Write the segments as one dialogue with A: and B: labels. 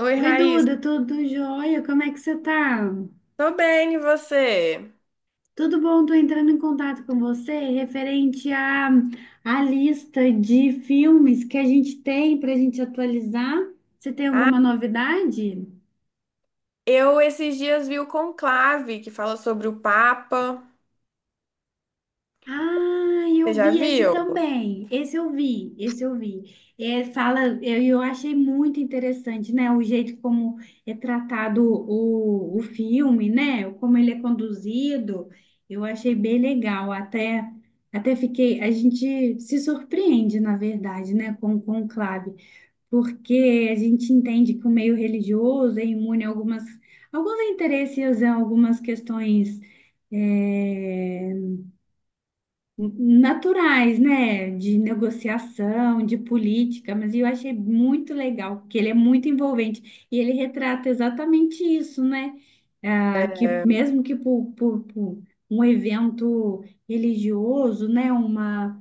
A: Oi,
B: Oi,
A: Raíssa.
B: Duda, tudo jóia? Como é que você tá?
A: Tô bem, e você?
B: Tudo bom? Tô entrando em contato com você referente à lista de filmes que a gente tem para a gente atualizar. Você tem alguma novidade?
A: Eu esses dias vi o Conclave, que fala sobre o Papa.
B: Ah,
A: Você
B: eu
A: já
B: vi esse
A: viu?
B: também. Esse eu vi, esse eu vi. É, fala, eu achei muito interessante, né? O jeito como é tratado o filme, né? Como ele é conduzido, eu achei bem legal. Até, até fiquei, a gente se surpreende, na verdade, né? Com o Conclave, porque a gente entende que o meio religioso é imune a algumas, alguns interesses, a algumas questões. é, Naturais, né? De negociação, de política, mas eu achei muito legal, porque ele é muito envolvente e ele retrata exatamente isso, né? Ah, que
A: É,
B: mesmo que por um evento religioso, né?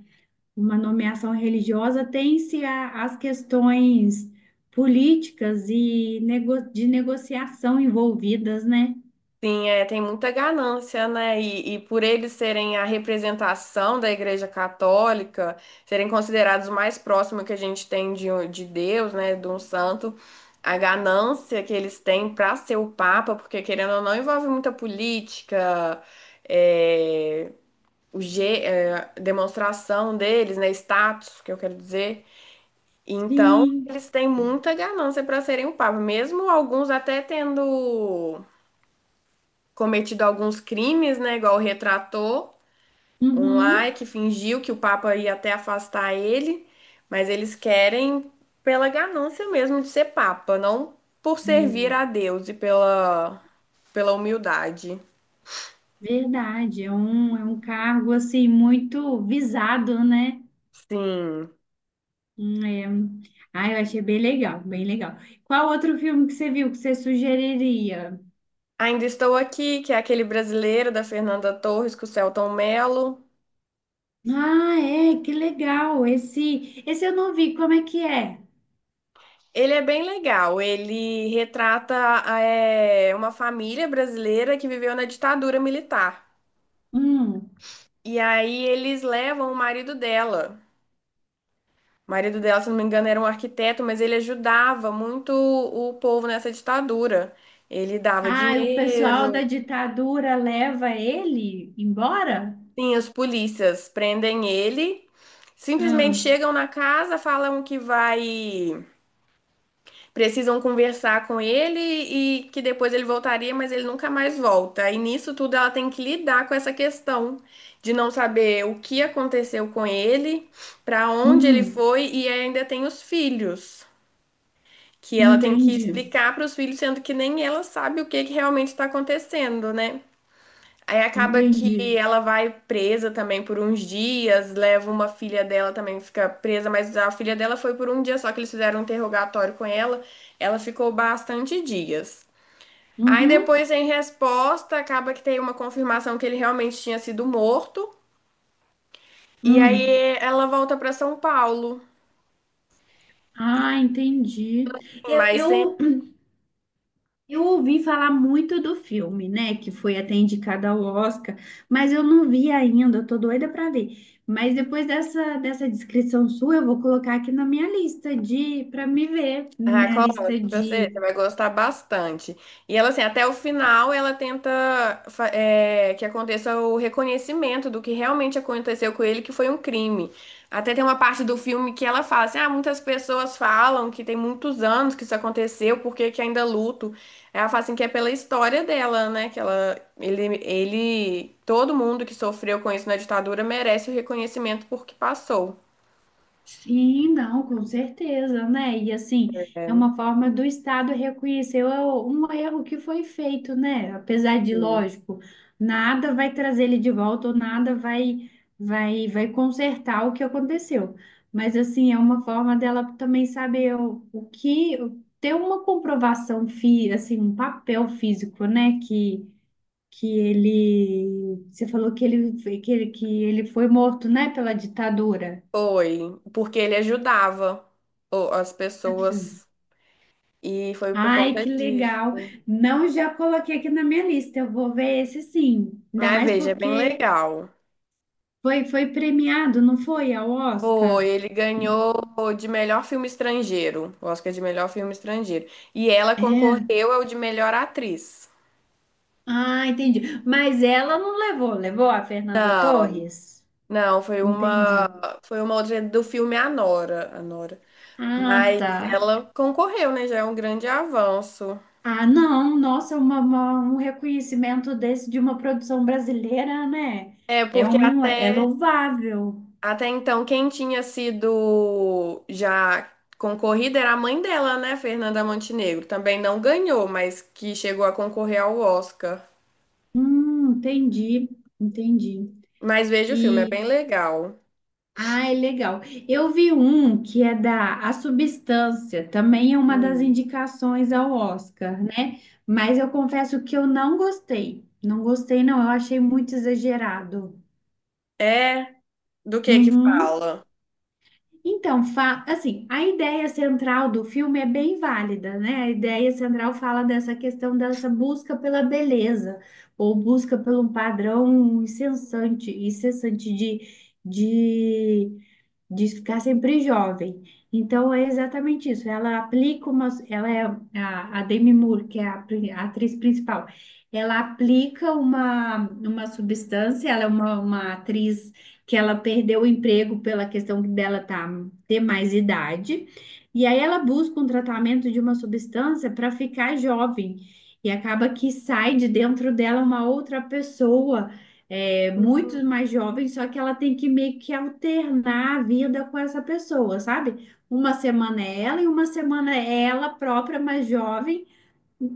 B: Uma nomeação religiosa, as questões políticas e de negociação envolvidas, né?
A: sim, é, tem muita ganância, né? E por eles serem a representação da Igreja Católica, serem considerados o mais próximo que a gente tem de Deus, né? De um santo, a ganância que eles têm para ser o Papa, porque querendo ou não, envolve muita política. é, o G, é, demonstração deles, né? Status, que eu quero dizer. Então,
B: Sim.
A: eles têm muita ganância para serem o Papa, mesmo alguns até tendo cometido alguns crimes, né? Igual retratou um lá
B: Uhum.
A: que fingiu que o Papa ia até afastar ele, mas eles querem pela ganância mesmo de ser Papa, não por servir
B: É.
A: a Deus e pela humildade.
B: Verdade, é um cargo assim muito visado, né?
A: Sim.
B: É. Ah, eu achei bem legal, bem legal. Qual outro filme que você viu que você sugeriria?
A: Ainda Estou Aqui, que é aquele brasileiro da Fernanda Torres com o Selton Mello.
B: Ah, é, que legal. Esse eu não vi, como é que é?
A: Ele é bem legal, ele retrata uma família brasileira que viveu na ditadura militar.
B: Hum.
A: E aí eles levam o marido dela. O marido dela, se não me engano, era um arquiteto, mas ele ajudava muito o povo nessa ditadura. Ele dava
B: Ah, e o pessoal da
A: dinheiro.
B: ditadura leva ele embora?
A: Sim, as polícias prendem ele, simplesmente
B: Ah,
A: chegam na casa, falam que vai precisam conversar com ele e que depois ele voltaria, mas ele nunca mais volta. E nisso tudo ela tem que lidar com essa questão de não saber o que aconteceu com ele, para onde ele
B: hum,
A: foi e ainda tem os filhos, que ela tem que
B: entendi,
A: explicar para os filhos, sendo que nem ela sabe o que que realmente está acontecendo, né? Aí acaba que
B: entendi.
A: ela vai presa também por uns dias, leva uma filha dela também, fica presa, mas a filha dela foi por um dia só que eles fizeram um interrogatório com ela, ela ficou bastante dias. Aí
B: Uhum,
A: depois, em resposta, acaba que tem uma confirmação que ele realmente tinha sido morto, e
B: hum.
A: aí ela volta para São Paulo,
B: Ah, entendi. Eu,
A: mas sem.
B: eu eu ouvi falar muito do filme, né? Que foi até indicado ao Oscar, mas eu não vi ainda, eu tô doida para ver. Mas depois dessa descrição sua, eu vou colocar aqui na minha lista de para me ver, na
A: Ah,
B: minha lista
A: coloque pra você, você
B: de
A: vai gostar bastante. E ela, assim, até o final, ela tenta que aconteça o reconhecimento do que realmente aconteceu com ele, que foi um crime. Até tem uma parte do filme que ela fala assim: ah, muitas pessoas falam que tem muitos anos que isso aconteceu, por que que ainda luto? Ela fala assim que é pela história dela, né? Que ele, todo mundo que sofreu com isso na ditadura merece o reconhecimento por que passou.
B: sim, não, com certeza, né? E assim, é uma forma do Estado reconhecer um erro que foi feito, né? Apesar de,
A: É.
B: lógico, nada vai trazer ele de volta ou nada vai, vai consertar o que aconteceu. Mas assim, é uma forma dela também saber o que ter uma comprovação, assim, um papel físico, né? Que ele, você falou que ele, que ele, que ele foi morto, né? Pela ditadura.
A: Foi, porque ele ajudava as pessoas e foi por
B: Ai,
A: conta
B: que
A: disso.
B: legal. Não já coloquei aqui na minha lista. Eu vou ver esse sim. Ainda
A: Ah,
B: mais
A: veja, é bem
B: porque
A: legal.
B: foi, foi premiado, não foi ao
A: Foi,
B: Oscar?
A: ele ganhou de melhor filme estrangeiro, o Oscar de melhor filme estrangeiro. E ela
B: É.
A: concorreu ao de melhor atriz.
B: Ah, entendi. Mas ela não levou, levou a Fernanda
A: Não,
B: Torres?
A: não,
B: Entendi.
A: foi uma outra do filme Anora, Anora.
B: Ah,
A: Mas
B: tá.
A: ela concorreu, né? Já é um grande avanço.
B: Ah, não, nossa, é um reconhecimento desse de uma produção brasileira, né?
A: É,
B: É
A: porque
B: um, é
A: até
B: louvável.
A: Até então, quem tinha sido já concorrida era a mãe dela, né, Fernanda Montenegro. Também não ganhou, mas que chegou a concorrer ao Oscar.
B: Entendi, entendi.
A: Mas veja o filme, é bem legal.
B: Ah, é legal. Eu vi um que é da A Substância, também é uma das
A: Hum.
B: indicações ao Oscar, né? Mas eu confesso que eu não gostei. Não gostei, não. Eu achei muito exagerado.
A: É, do que
B: Uhum.
A: fala?
B: Então, assim, a ideia central do filme é bem válida, né? A ideia central fala dessa questão dessa busca pela beleza, ou busca pelo padrão incessante, incessante de, de de ficar sempre jovem. Então é exatamente isso. Ela aplica uma, ela é a Demi Moore, que é a, a atriz principal. Ela aplica uma substância, ela é uma atriz que ela perdeu o emprego pela questão dela tá, ter mais idade. E aí ela busca um tratamento de uma substância para ficar jovem. E acaba que sai de dentro dela uma outra pessoa muito
A: Hum,
B: mais jovem, só que ela tem que meio que alternar a vida com essa pessoa, sabe? Uma semana é ela e uma semana é ela própria, mais jovem,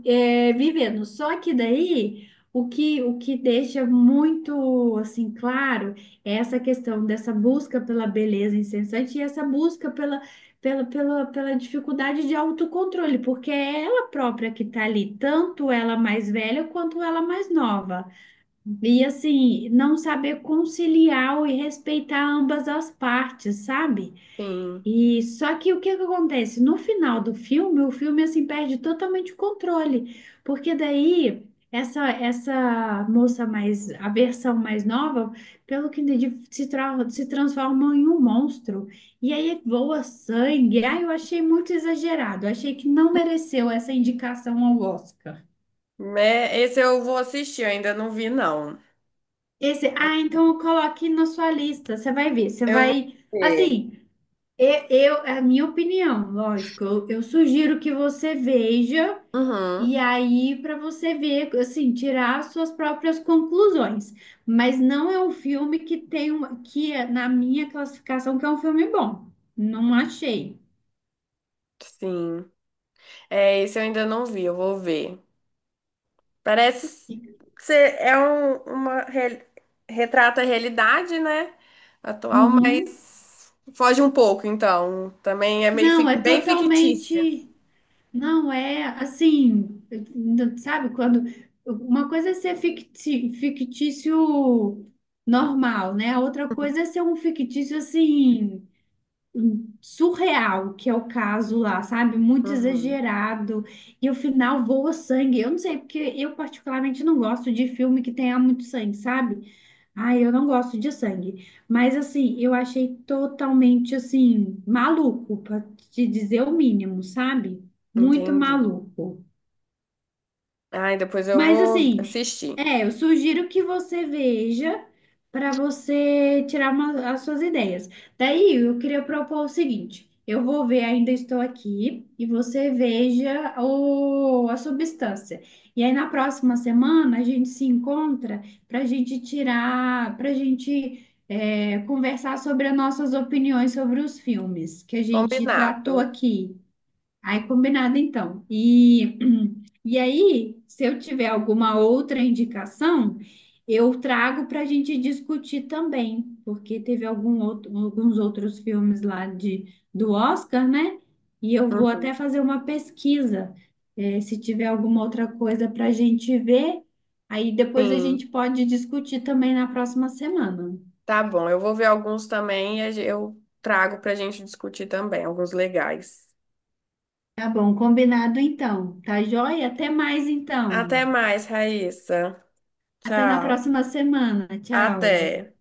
B: é, vivendo. Só que daí o que deixa muito assim claro é essa questão dessa busca pela beleza incessante e essa busca pela dificuldade de autocontrole, porque é ela própria que está ali, tanto ela mais velha quanto ela mais nova. E assim, não saber conciliar e respeitar ambas as partes, sabe?
A: Sim.
B: E só que o que que acontece? No final do filme, o filme assim perde totalmente o controle, porque daí essa moça mais a versão mais nova, pelo que entendi, se, se transforma em um monstro. E aí voa sangue. Ah, eu achei muito exagerado. Achei que não mereceu essa indicação ao Oscar.
A: É, esse eu vou assistir, eu ainda não vi, não.
B: Esse, ah, então coloque na sua lista, você vai ver, você
A: Eu vou
B: vai,
A: ver.
B: assim, é a minha opinião, lógico, eu sugiro que você veja e
A: Uhum,
B: aí para você ver, assim, tirar as suas próprias conclusões, mas não é um filme que tem uma, que é, na minha classificação que é um filme bom, não achei.
A: sim. É, esse eu ainda não vi, eu vou ver. Parece ser retrata a realidade, né? Atual, mas
B: Uhum.
A: foge um pouco, então. Também é
B: Não, é
A: bem fictícia.
B: totalmente não é assim, sabe, quando uma coisa é ser fictício normal, né? A outra coisa é ser um fictício assim surreal, que é o caso lá, sabe? Muito
A: Uhum,
B: exagerado e o final voa sangue. Eu não sei porque eu particularmente não gosto de filme que tenha muito sangue, sabe? Ai, eu não gosto de sangue, mas assim, eu achei totalmente assim maluco, pra te dizer o mínimo, sabe? Muito
A: entendi.
B: maluco.
A: Ai, depois eu
B: Mas
A: vou
B: assim,
A: assistir.
B: é, eu sugiro que você veja para você tirar as suas ideias. Daí eu queria propor o seguinte: eu vou ver Ainda Estou Aqui e você veja a substância. E aí na próxima semana a gente se encontra para a gente tirar, para a gente é, conversar sobre as nossas opiniões sobre os filmes que a gente tratou
A: Combinado.
B: aqui. Aí combinado então. E aí, se eu tiver alguma outra indicação, eu trago para a gente discutir também, porque teve alguns outros filmes lá de, do Oscar, né? E eu vou
A: Uhum,
B: até fazer uma pesquisa, se tiver alguma outra coisa para a gente ver, aí depois a
A: sim,
B: gente pode discutir também na próxima semana.
A: tá bom. Eu vou ver alguns também e eu trago pra gente discutir também, alguns legais.
B: Tá bom, combinado então. Tá joia? Até mais
A: Até
B: então.
A: mais, Raíssa.
B: Até na
A: Tchau.
B: próxima semana. Tchau.
A: Até.